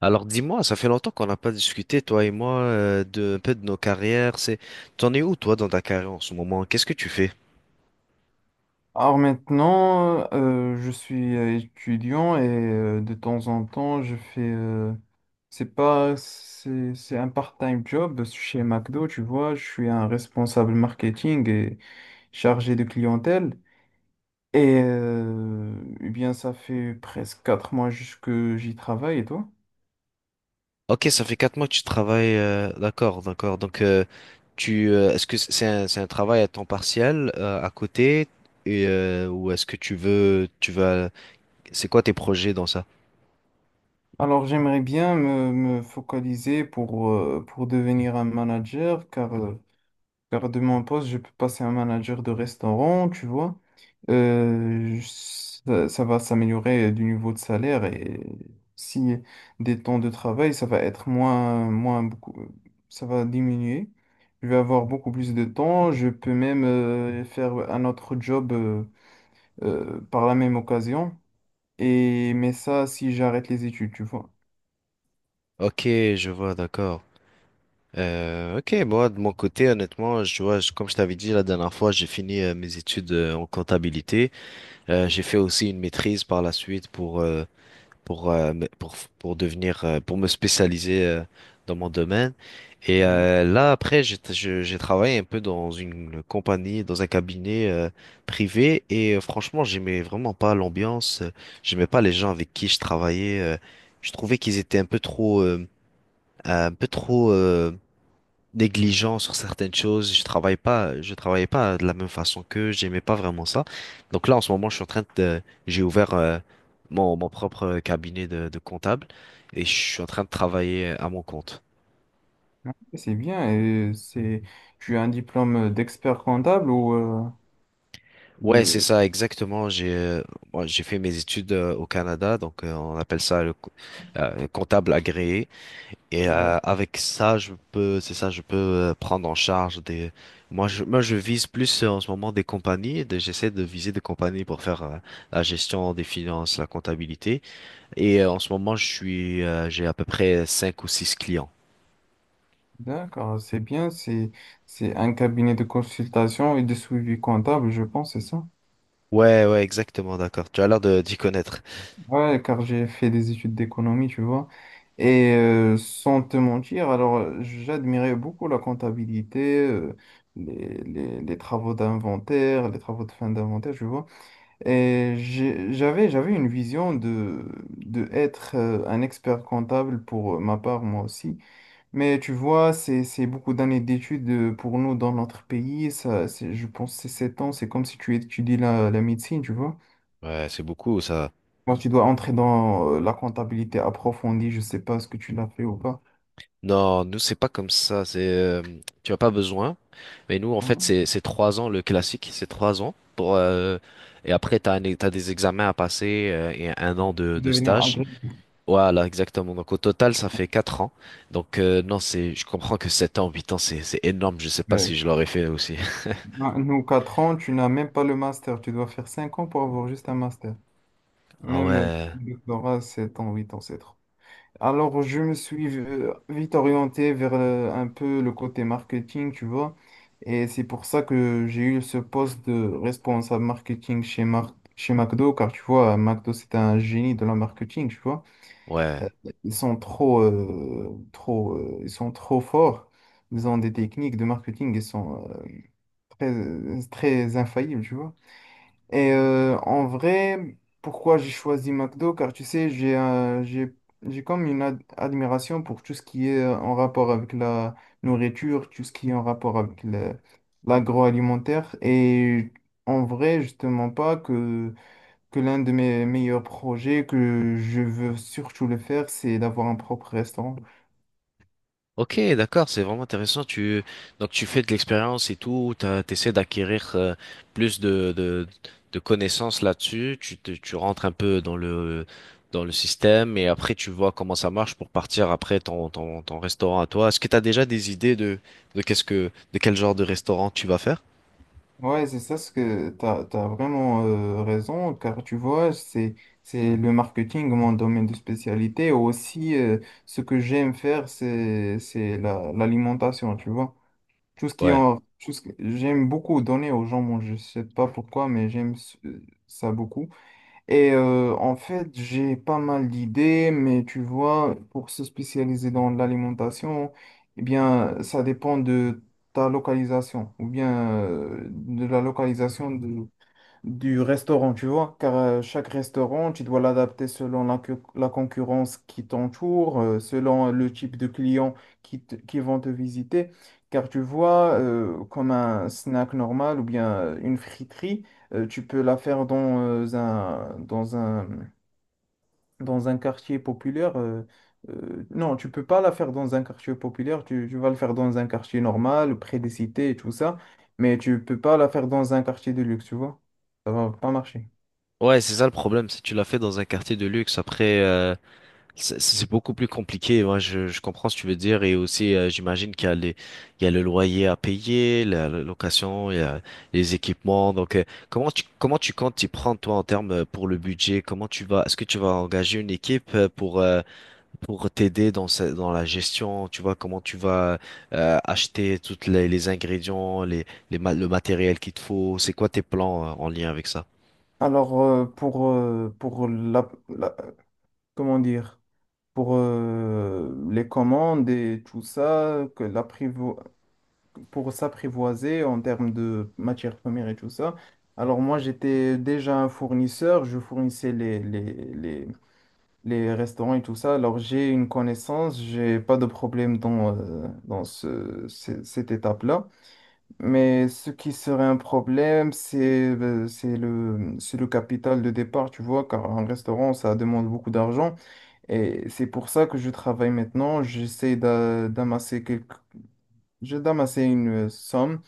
Alors dis-moi, ça fait longtemps qu'on n'a pas discuté, toi et moi, un peu de nos carrières. T'en es où toi dans ta carrière en ce moment? Qu'est-ce que tu fais? Alors maintenant, je suis étudiant et de temps en temps, je fais, c'est pas, c'est un part-time job chez McDo, tu vois, je suis un responsable marketing et chargé de clientèle. Et euh, eh bien, ça fait presque 4 mois juste que j'y travaille et toi? Ok, ça fait 4 mois que tu travailles. D'accord, d'accord. Donc est-ce que c'est c'est un travail à temps partiel à côté ou est-ce que tu vas, c'est quoi tes projets dans ça? Alors, j'aimerais bien me focaliser pour devenir un manager, car de mon poste, je peux passer un manager de restaurant, tu vois. Euh, je- ça va s'améliorer du niveau de salaire et si des temps de travail, ça va être moins beaucoup, ça va diminuer. Je vais avoir beaucoup plus de temps. Je peux même faire un autre job par la même occasion. Et, mais ça, si j'arrête les études, tu vois. Ok, je vois, d'accord. Ok, moi de mon côté, honnêtement, comme je t'avais dit la dernière fois, j'ai fini mes études en comptabilité. J'ai fait aussi une maîtrise par la suite pour devenir, pour me spécialiser dans mon domaine. Après, j'ai travaillé un peu dans une compagnie, dans un cabinet privé. Franchement, j'aimais vraiment pas l'ambiance. J'aimais pas les gens avec qui je travaillais. Je trouvais qu'ils étaient un peu trop négligent sur certaines choses. Je travaillais pas de la même façon, que j'aimais pas vraiment ça. Donc là, en ce moment, je suis en train de, j'ai ouvert mon propre cabinet de comptable et je suis en train de travailler à mon compte. C'est bien. Tu as un diplôme d'expert comptable ou Ouais, c'est de... ça, exactement. J'ai fait mes études au Canada, on appelle ça le comptable agréé. Ouais. Avec ça, c'est ça, je peux prendre en charge des. Moi, je vise plus en ce moment des compagnies. J'essaie de viser des compagnies pour faire la gestion des finances, la comptabilité. En ce moment, j'ai à peu près cinq ou six clients. D'accord, c'est bien. C'est un cabinet de consultation et de suivi comptable, je pense, c'est ça. Ouais, ouais, exactement, d'accord. Tu as l'air de d'y connaître. Ouais, car j'ai fait des études d'économie, tu vois. Et sans te mentir, alors j'admirais beaucoup la comptabilité, les travaux d'inventaire, les travaux de fin d'inventaire, tu vois. J'avais une vision de être un expert comptable pour ma part, moi aussi. Mais tu vois, c'est beaucoup d'années d'études pour nous dans notre pays. Je pense que c'est 7 ans. C'est comme si tu étudies la médecine, tu vois. Ouais, c'est beaucoup ça. Moi, tu dois entrer dans la comptabilité approfondie. Je sais pas ce que tu l'as fait ou pas. Non, nous, c'est pas comme ça. Tu as pas besoin. Mais nous, en fait, Voilà. C'est 3 ans, le classique, c'est 3 ans pour et après t'as des examens à passer et 1 an Pour de devenir stage. agrégé. Voilà, exactement. Donc au total, ça fait 4 ans. Non, c'est je comprends que 7 ans, 8 ans, c'est énorme. Je sais pas Euh, si je l'aurais fait aussi. Nous, 4 ans, tu n'as même pas le master. Tu dois faire 5 ans pour avoir juste un master. Ah Même ouais, Le doctorat, 7 ans, 8 ans, c'est trop. Alors, je me suis vite orienté vers un peu le côté marketing, tu vois. Et c'est pour ça que j'ai eu ce poste de responsable marketing chez McDo, car tu vois, McDo, c'est un génie de la marketing, tu vois. ouais. Euh, Ils sont ils sont trop forts. Ils ont des techniques de marketing, ils sont très, très infaillibles, tu vois. Et en vrai, pourquoi j'ai choisi McDo? Car tu sais, j'ai comme une admiration pour tout ce qui est en rapport avec la nourriture, tout ce qui est en rapport avec l'agroalimentaire. Et en vrai, justement pas que, que l'un de mes meilleurs projets que je veux surtout le faire, c'est d'avoir un propre restaurant. Ok, d'accord, c'est vraiment intéressant. Tu Donc tu fais de l'expérience et tout, t'essaies d'acquérir plus de connaissances là-dessus. Tu rentres un peu dans le système et après tu vois comment ça marche pour partir après ton restaurant à toi. Est-ce que t'as déjà des idées de qu'est-ce que de quel genre de restaurant tu vas faire? Ouais, c'est ça ce que tu as, vraiment raison, car tu vois, c'est le marketing, mon domaine de spécialité. Aussi, ce que j'aime faire, l'alimentation, tu vois. Tout ce qui Ouais. en, tout ce que- J'aime beaucoup donner aux gens, bon, je sais pas pourquoi, mais j'aime ça beaucoup. Et en fait, j'ai pas mal d'idées, mais tu vois, pour se spécialiser dans l'alimentation, eh bien, ça dépend de ta localisation ou bien de la localisation du restaurant, tu vois, car chaque restaurant, tu dois l'adapter selon la concurrence qui t'entoure, selon le type de clients qui vont te visiter, car tu vois, comme un snack normal ou bien une friterie, tu peux la faire dans un, dans un dans un quartier populaire, non, tu peux pas la faire dans un quartier populaire, tu vas le faire dans un quartier normal, près des cités et tout ça, mais tu peux pas la faire dans un quartier de luxe, tu vois. Ça va pas marcher. Ouais, c'est ça le problème, c'est que tu l'as fait dans un quartier de luxe. C'est beaucoup plus compliqué, ouais, je comprends ce que tu veux dire et aussi j'imagine qu'il y a les, il y a le loyer à payer, la location, il y a les équipements. Comment tu comptes t'y prendre toi en termes pour le budget? Comment tu vas Est-ce que tu vas engager une équipe pour t'aider dans la gestion, tu vois comment tu vas acheter toutes les ingrédients, le matériel qu'il te faut, c'est quoi tes plans en lien avec ça? Alors, comment dire, pour les commandes et tout ça, pour s'apprivoiser en termes de matières premières et tout ça, alors moi, j'étais déjà un fournisseur, je fournissais les restaurants et tout ça. Alors, j'ai une connaissance, j'ai pas de problème dans, cette étape-là. Mais ce qui serait un problème, c'est le capital de départ, tu vois, car un restaurant, ça demande beaucoup d'argent. Et c'est pour ça que je travaille maintenant. D'amasser quelques, je d'amasser une somme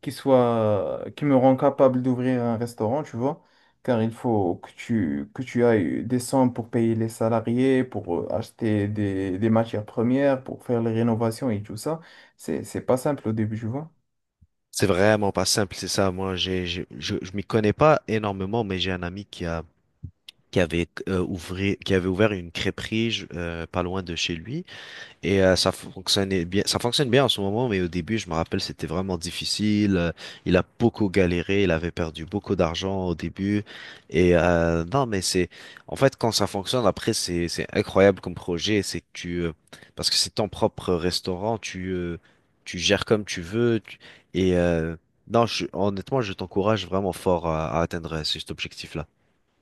qui me rend capable d'ouvrir un restaurant, tu vois, car il faut que tu ailles des sommes pour payer les salariés, pour acheter des matières premières, pour faire les rénovations et tout ça. C'est pas simple au début, tu vois. C'est vraiment pas simple, c'est ça. Moi, je m'y connais pas énormément, mais j'ai un ami qui avait, qui avait ouvert une crêperie pas loin de chez lui. Ça fonctionne bien en ce moment, mais au début, je me rappelle, c'était vraiment difficile. Il a beaucoup galéré, il avait perdu beaucoup d'argent au début. Et non, mais c'est, En fait, quand ça fonctionne, après, c'est incroyable comme projet. Parce que c'est ton propre restaurant, tu gères comme tu veux. Et euh, non, honnêtement, je t'encourage vraiment fort à atteindre cet objectif-là.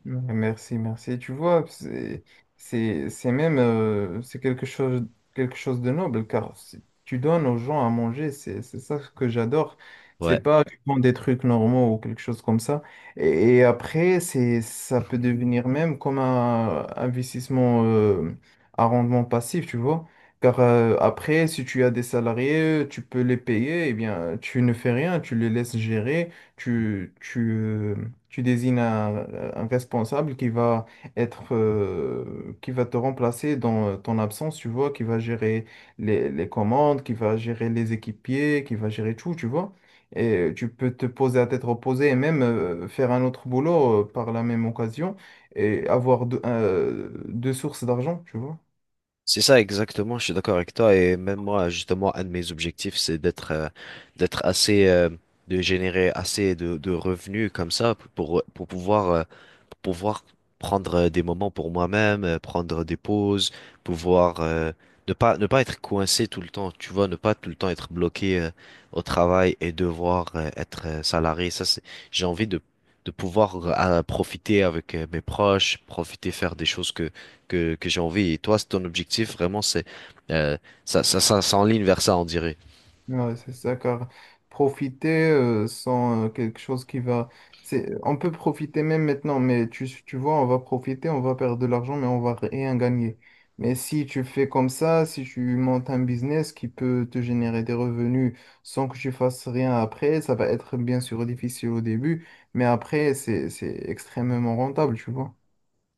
Ouais, merci, merci. Tu vois, c'est quelque chose de noble, car si tu donnes aux gens à manger, c'est ça que j'adore. C'est Ouais. pas tu prends des trucs normaux ou quelque chose comme ça. Et après, ça peut devenir même comme un investissement à rendement passif, tu vois. Car après, si tu as des salariés, tu peux les payer, et bien, tu ne fais rien, tu les laisses gérer tu, tu, euh, tu désignes un responsable qui va être, qui va te remplacer dans ton absence, tu vois, qui va gérer les commandes, qui va gérer les équipiers, qui va gérer tout, tu vois. Et tu peux te poser à tête reposée et même faire un autre boulot par la même occasion et avoir deux sources d'argent, tu vois. C'est ça exactement, je suis d'accord avec toi et même moi justement un de mes objectifs c'est d'être d'être assez de générer assez de revenus comme ça pour pouvoir pouvoir prendre des moments pour moi-même, prendre des pauses, pouvoir ne pas être coincé tout le temps, tu vois, ne pas tout le temps être bloqué au travail et devoir être salarié. J'ai envie de pouvoir profiter avec mes proches, profiter faire des choses que j'ai envie. Et toi, c'est ton objectif vraiment, c'est euh, ça s'enligne vers ça, on dirait. Ouais, c'est ça, car profiter sans quelque chose qui va... C'est... On peut profiter même maintenant, mais tu vois, on va profiter, on va perdre de l'argent, mais on va rien gagner. Mais si tu fais comme ça, si tu montes un business qui peut te générer des revenus sans que tu fasses rien après, ça va être bien sûr difficile au début, mais après, c'est extrêmement rentable, tu vois.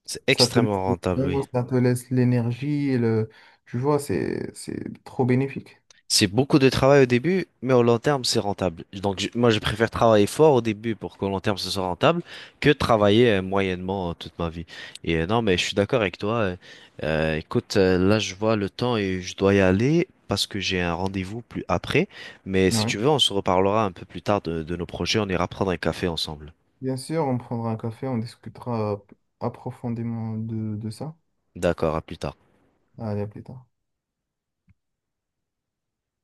C'est Ça te laisse extrêmement le rentable, temps, oui. ça te laisse l'énergie, le... tu vois, c'est trop bénéfique. C'est beaucoup de travail au début, mais au long terme, c'est rentable. Donc, moi, je préfère travailler fort au début pour qu'au long terme, ce soit rentable que de travailler moyennement toute ma vie. Non, mais je suis d'accord avec toi. Écoute, là, je vois le temps et je dois y aller parce que j'ai un rendez-vous plus après. Mais si Ouais. tu veux, on se reparlera un peu plus tard de nos projets. On ira prendre un café ensemble. Bien sûr, on prendra un café, on discutera approfondément de ça. D'accord, à plus tard. Allez, à plus tard.